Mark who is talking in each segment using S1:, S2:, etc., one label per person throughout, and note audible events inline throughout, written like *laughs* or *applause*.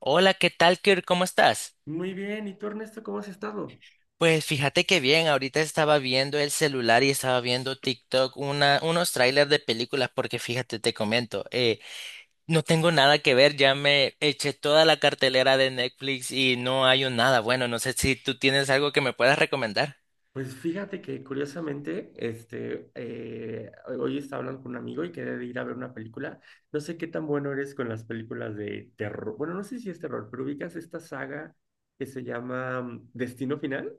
S1: Hola, ¿qué tal, Kirk? ¿Cómo estás?
S2: Muy bien, ¿y tú, Ernesto, cómo has estado?
S1: Pues fíjate que bien, ahorita estaba viendo el celular y estaba viendo TikTok, unos trailers de películas, porque fíjate, te comento, no tengo nada que ver, ya me eché toda la cartelera de Netflix y no hay un nada bueno, no sé si tú tienes algo que me puedas recomendar.
S2: Pues fíjate que curiosamente, hoy estaba hablando con un amigo y quería de ir a ver una película. No sé qué tan bueno eres con las películas de terror. Bueno, no sé si es terror, pero ubicas esta saga que se llama Destino Final.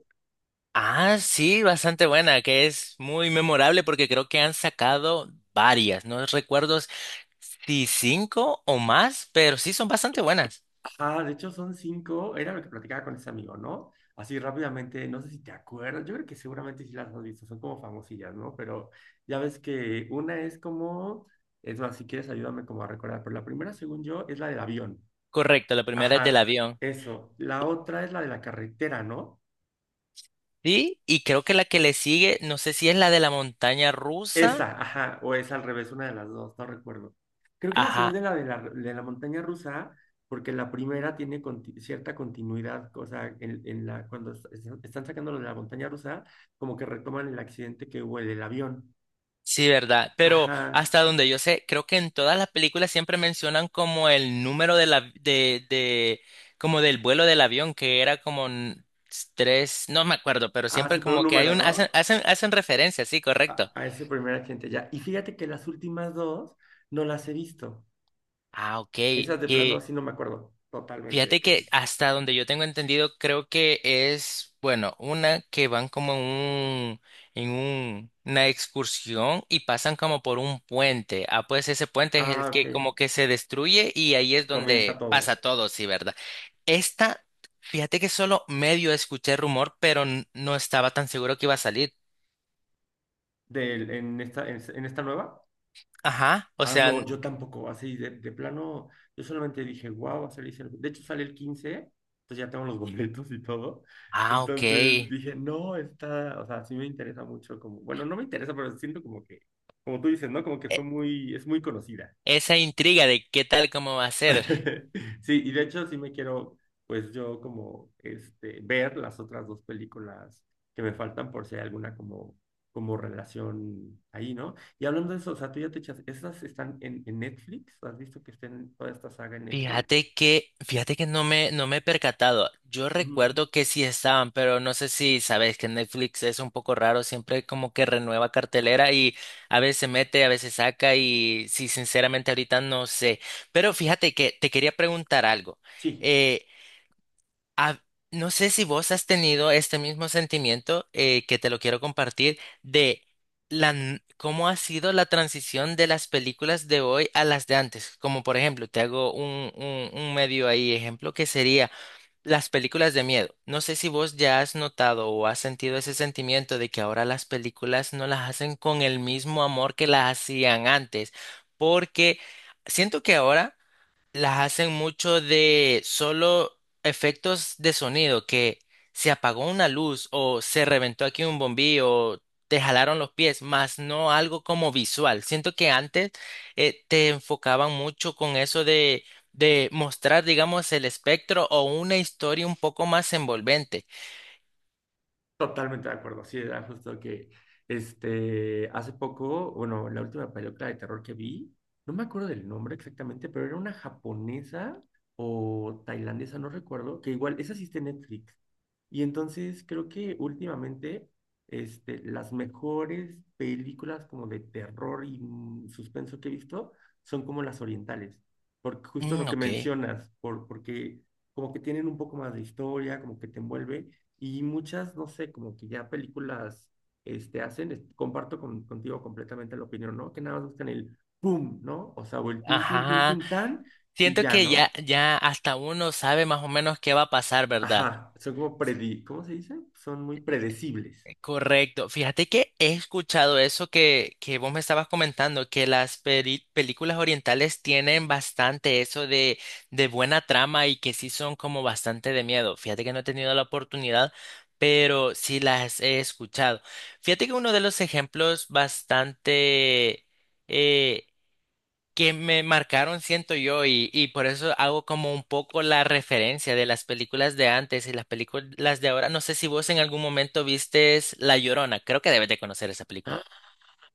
S1: Ah, sí, bastante buena, que es muy memorable porque creo que han sacado varias, no recuerdo si cinco o más, pero sí son bastante buenas.
S2: Ah, de hecho son cinco, era lo que platicaba con ese amigo, ¿no? Así rápidamente, no sé si te acuerdas, yo creo que seguramente sí las has visto, son como famosillas, ¿no? Pero ya ves que una es como, es más, si quieres ayúdame como a recordar, pero la primera, según yo, es la del avión.
S1: Correcto, la primera es del
S2: Ajá,
S1: avión.
S2: eso. La otra es la de la carretera, ¿no?
S1: Sí, y creo que la que le sigue, no sé si es la de la montaña rusa.
S2: Esa, ajá, o es al revés, una de las dos, no recuerdo. Creo que la
S1: Ajá,
S2: segunda es la de la montaña rusa, porque la primera tiene cierta continuidad, o sea, en la, cuando están sacando lo de la montaña rusa, como que retoman el accidente que hubo en el avión.
S1: sí, ¿verdad? Pero
S2: Ajá,
S1: hasta donde yo sé, creo que en todas las películas siempre mencionan como el número de la, como del vuelo del avión, que era como tres, no me acuerdo, pero
S2: ah, sí,
S1: siempre
S2: pero un
S1: como que hay
S2: número,
S1: hacen,
S2: ¿no?
S1: hacen, hacen referencia, sí,
S2: A,
S1: correcto.
S2: a ese primer accidente ya. Y fíjate que las últimas dos no las he visto.
S1: Ah, ok.
S2: Esas de plano,
S1: que
S2: sí no me acuerdo totalmente de
S1: Fíjate
S2: qué.
S1: que hasta donde yo tengo entendido, creo que es, bueno, una que van como en una excursión y pasan como por un puente. Ah, pues ese puente es
S2: Ah,
S1: el
S2: ok,
S1: que como que se destruye y ahí es
S2: comienza
S1: donde pasa
S2: todo.
S1: todo, sí, ¿verdad? Esta, Fíjate que solo medio escuché rumor, pero no estaba tan seguro que iba a salir.
S2: En esta, en esta nueva.
S1: Ajá, o
S2: Ah,
S1: sea,
S2: no, yo tampoco, así de plano, yo solamente dije, wow, va a salir Sergio". De hecho, sale el 15, entonces ya tengo los *laughs* boletos y todo.
S1: ah, ok.
S2: Entonces dije, no, está, o sea, sí me interesa mucho, como, bueno, no me interesa, pero siento como que, como tú dices, ¿no? Como que fue muy, es muy conocida.
S1: Esa intriga de qué tal, cómo va a ser.
S2: *laughs* Sí, y de hecho sí me quiero, pues yo como, ver las otras dos películas que me faltan por si hay alguna como relación ahí, ¿no? Y hablando de eso, o sea, tú ya te echas, ¿esas están en Netflix? ¿Has visto que estén toda esta saga en Netflix?
S1: Fíjate que no me he percatado. Yo
S2: Ujú.
S1: recuerdo que sí estaban, pero no sé si sabes que Netflix es un poco raro, siempre como que renueva cartelera y a veces mete, a veces saca y sí, sinceramente ahorita no sé. Pero fíjate que te quería preguntar algo.
S2: Sí.
S1: Eh, Ah, no sé si vos has tenido este mismo sentimiento que te lo quiero compartir de cómo ha sido la transición de las películas de hoy a las de antes. Como por ejemplo, te hago un medio ahí ejemplo que sería las películas de miedo. No sé si vos ya has notado o has sentido ese sentimiento de que ahora las películas no las hacen con el mismo amor que las hacían antes, porque siento que ahora las hacen mucho de solo efectos de sonido, que se apagó una luz o se reventó aquí un bombillo o te jalaron los pies, más no algo como visual. Siento que antes te enfocaban mucho con eso de mostrar, digamos, el espectro o una historia un poco más envolvente.
S2: Totalmente de acuerdo, sí, era justo que hace poco, bueno, la última película de terror que vi, no me acuerdo del nombre exactamente, pero era una japonesa o tailandesa, no recuerdo, que igual, esa sí está en Netflix. Y entonces creo que últimamente las mejores películas como de terror y suspenso que he visto son como las orientales, porque justo
S1: Mm,
S2: lo que
S1: ok.
S2: mencionas, porque como que tienen un poco más de historia, como que te envuelve. Y muchas, no sé, como que ya películas hacen, comparto contigo completamente la opinión, ¿no? Que nada más buscan el pum, ¿no? O sea, o el tun, tun, tun,
S1: Ajá.
S2: tun, tan, y
S1: Siento
S2: ya,
S1: que ya,
S2: ¿no?
S1: ya hasta uno sabe más o menos qué va a pasar, ¿verdad?
S2: Ajá, son como ¿cómo se dice? Son muy predecibles.
S1: Correcto. Fíjate que he escuchado eso que vos me estabas comentando, que las películas orientales tienen bastante eso de buena trama y que sí son como bastante de miedo. Fíjate que no he tenido la oportunidad, pero sí las he escuchado. Fíjate que uno de los ejemplos bastante eh, que me marcaron, siento yo, y por eso hago como un poco la referencia de las películas de antes y las películas de ahora. No sé si vos en algún momento vistes La Llorona, creo que debes de conocer esa
S2: Ah,
S1: película.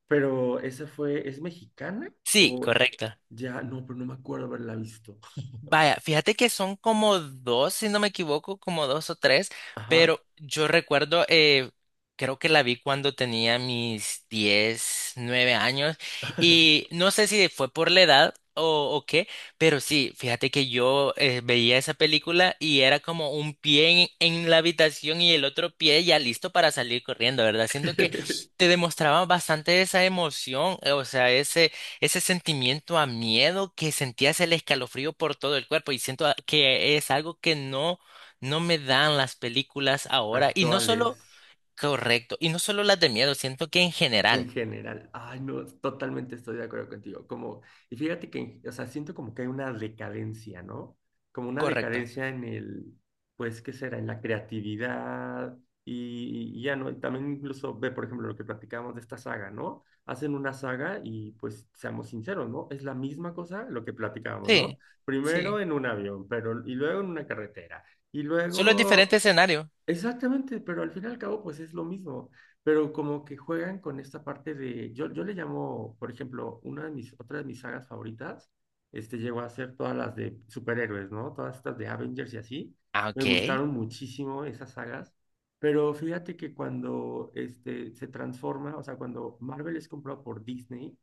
S2: pero esa fue, ¿es mexicana?
S1: Sí,
S2: O
S1: correcto.
S2: ya, no, pero no me acuerdo haberla visto.
S1: Vaya, fíjate que son como dos, si no me equivoco, como dos o tres,
S2: Ajá.
S1: pero yo recuerdo, creo que la vi cuando tenía mis 10 9 años y
S2: *laughs*
S1: no sé si fue por la edad o qué, pero sí, fíjate que yo veía esa película y era como un pie en la habitación y el otro pie ya listo para salir corriendo, ¿verdad? Siento que te demostraba bastante esa emoción, o sea, ese sentimiento a miedo que sentías el escalofrío por todo el cuerpo y siento que es algo que no, no me dan las películas ahora y no solo,
S2: Actuales.
S1: correcto, y no solo las de miedo, siento que en
S2: En
S1: general,
S2: general, ay, no, totalmente estoy de acuerdo contigo. Como, y fíjate que, o sea, siento como que hay una decadencia, ¿no? Como una
S1: correcto.
S2: decadencia en el, pues, ¿qué será? En la creatividad y ya, ¿no? Y también incluso ve, por ejemplo, lo que platicábamos de esta saga, ¿no? Hacen una saga y, pues, seamos sinceros, ¿no? Es la misma cosa lo que platicábamos, ¿no?
S1: Sí,
S2: Primero
S1: sí.
S2: en un avión, pero, y luego en una carretera, y
S1: Solo es diferente
S2: luego.
S1: escenario.
S2: Exactamente, pero al fin y al cabo, pues es lo mismo, pero como que juegan con esta parte de, yo le llamo, por ejemplo, una de mis, otra de mis sagas favoritas, llegó a ser todas las de superhéroes, ¿no? Todas estas de Avengers y así,
S1: Ah,
S2: me
S1: ok.
S2: gustaron muchísimo esas sagas, pero fíjate que cuando se transforma, o sea, cuando Marvel es comprado por Disney,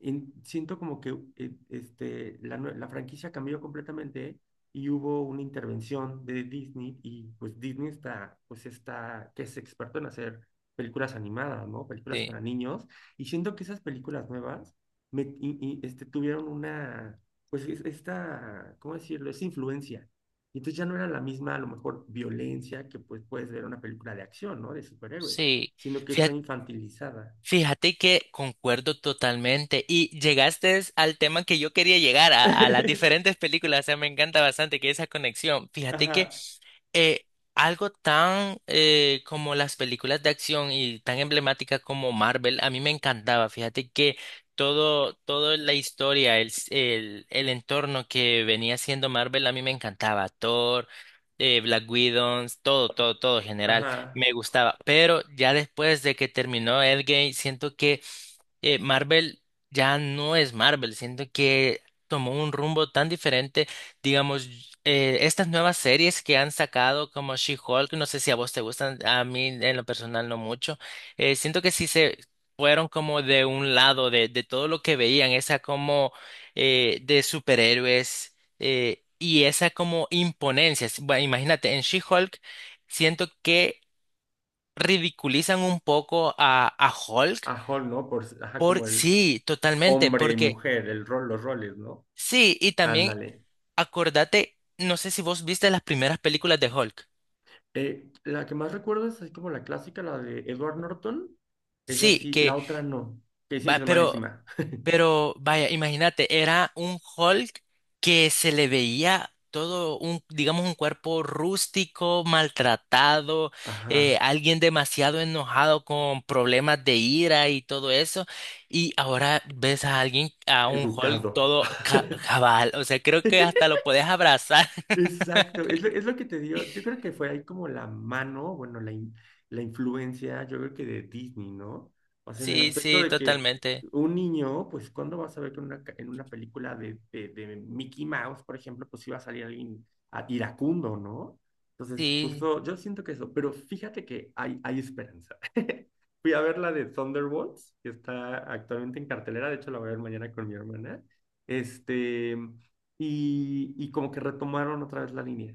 S2: siento como que la franquicia cambió completamente y hubo una intervención de Disney y pues Disney está, pues está, que es experto en hacer películas animadas, ¿no? Películas para
S1: Sí,
S2: niños. Y siento que esas películas nuevas me, y, este, tuvieron una, pues esta, ¿cómo decirlo? Esa influencia. Y entonces ya no era la misma, a lo mejor, violencia que pues puedes ver en una película de acción, ¿no? De superhéroes,
S1: sí.
S2: sino que está
S1: Fíjate,
S2: infantilizada.
S1: fíjate que concuerdo totalmente y llegaste al tema que yo quería llegar a las
S2: *laughs*
S1: diferentes películas, o sea, me encanta bastante que esa conexión. Fíjate que
S2: Ajá.
S1: eh, algo tan como las películas de acción y tan emblemática como Marvel, a mí me encantaba. Fíjate que todo, toda la historia, el entorno que venía siendo Marvel, a mí me encantaba. Thor, Black Widow, todo, todo, todo en general,
S2: Ajá.
S1: me gustaba. Pero ya después de que terminó Endgame, siento que Marvel ya no es Marvel, siento que tomó un rumbo tan diferente digamos, estas nuevas series que han sacado como She-Hulk, no sé si a vos te gustan, a mí en lo personal no mucho, siento que sí se fueron como de un lado de todo lo que veían, esa como de superhéroes y esa como imponencia. Bueno, imagínate, en She-Hulk siento que ridiculizan un poco a Hulk
S2: A Hall, ¿no? Ajá,
S1: por
S2: como el
S1: sí, totalmente,
S2: hombre y
S1: porque
S2: mujer, el rol, los roles, ¿no?
S1: sí, y también
S2: Ándale.
S1: Acordate, no sé si vos viste las primeras películas de Hulk.
S2: La que más recuerdo es así como la clásica, la de Edward Norton. Es
S1: Sí,
S2: así, la
S1: que
S2: otra no, que dicen que
S1: va,
S2: es
S1: pero,
S2: malísima.
S1: pero vaya, imagínate, era un Hulk que se le veía todo un, digamos, un cuerpo rústico, maltratado,
S2: Ajá,
S1: alguien demasiado enojado con problemas de ira y todo eso. Y ahora ves a alguien, a un Hulk
S2: educado.
S1: todo
S2: *laughs*
S1: cabal. O sea, creo que hasta lo podés abrazar. *laughs*
S2: Exacto, es lo que te digo. Yo creo que fue ahí como la mano, bueno, la influencia, yo creo que de Disney, ¿no? O sea, en el
S1: Sí,
S2: aspecto
S1: sí,
S2: de que
S1: totalmente.
S2: un niño, pues, ¿cuándo vas a ver que en una película de Mickey Mouse, por ejemplo, pues iba a salir alguien iracundo, ¿no? Entonces,
S1: Sí.
S2: justo yo siento que eso, pero fíjate que hay esperanza. *laughs* Fui a ver la de Thunderbolts, que está actualmente en cartelera, de hecho la voy a ver mañana con mi hermana. Este y como que retomaron otra vez la línea.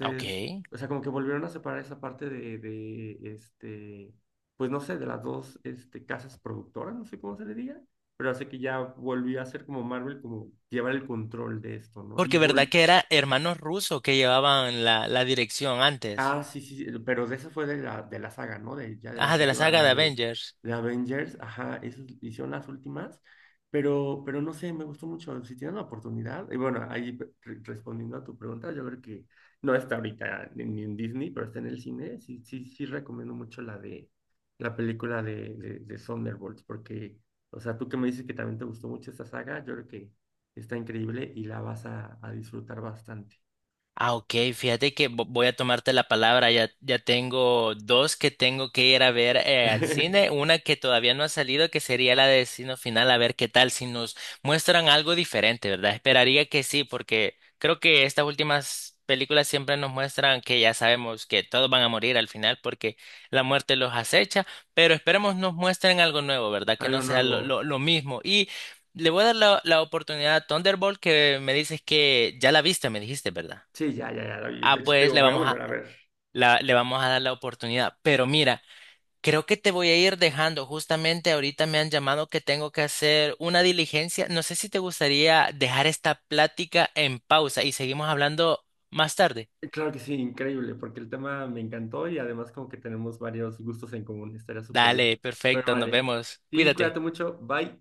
S1: Ok.
S2: o sea, como que volvieron a separar esa parte de, pues no sé, de las dos casas productoras, no sé cómo se le diga, pero hace que ya volvió a ser como Marvel, como llevar el control de esto, ¿no? Y
S1: Porque verdad
S2: vol
S1: que era hermanos rusos que llevaban la dirección antes.
S2: Ah, sí, sí, sí, pero de esa fue de la saga, ¿no? Ya de
S1: Ajá,
S2: las
S1: de la
S2: últimas,
S1: saga
S2: la
S1: de
S2: de,
S1: Avengers.
S2: de Avengers, ajá, esas hicieron las últimas, pero no sé, me gustó mucho, si tienen la oportunidad, y bueno, ahí respondiendo a tu pregunta, yo creo que no está ahorita ni en Disney, pero está en el cine, sí, sí, sí recomiendo mucho la película de Thunderbolts, porque, o sea, tú que me dices que también te gustó mucho esta saga, yo creo que está increíble y la vas a disfrutar bastante.
S1: Ah, ok, fíjate que voy a tomarte la palabra. Ya, ya tengo dos que tengo que ir a ver al cine.
S2: *laughs*
S1: Una que todavía no ha salido, que sería la de Destino Final, a ver qué tal, si nos muestran algo diferente, ¿verdad? Esperaría que sí, porque creo que estas últimas películas siempre nos muestran que ya sabemos que todos van a morir al final porque la muerte los acecha, pero esperemos nos muestren algo nuevo, ¿verdad? Que no
S2: Algo
S1: sea lo, lo,
S2: nuevo.
S1: lo mismo. Y le voy a dar la oportunidad a Thunderbolt, que me dices que ya la viste, me dijiste, ¿verdad?
S2: Sí, ya, ya, ya la vi. De
S1: Ah,
S2: hecho, te
S1: pues
S2: digo,
S1: le
S2: voy a
S1: vamos a,
S2: volver a ver.
S1: le vamos a dar la oportunidad. Pero mira, creo que te voy a ir dejando. Justamente ahorita me han llamado que tengo que hacer una diligencia. No sé si te gustaría dejar esta plática en pausa y seguimos hablando más tarde.
S2: Claro que sí, increíble, porque el tema me encantó y además como que tenemos varios gustos en común, estaría súper bien.
S1: Dale,
S2: Pero
S1: perfecto, nos
S2: vale,
S1: vemos.
S2: sí,
S1: Cuídate.
S2: cuídate mucho, bye.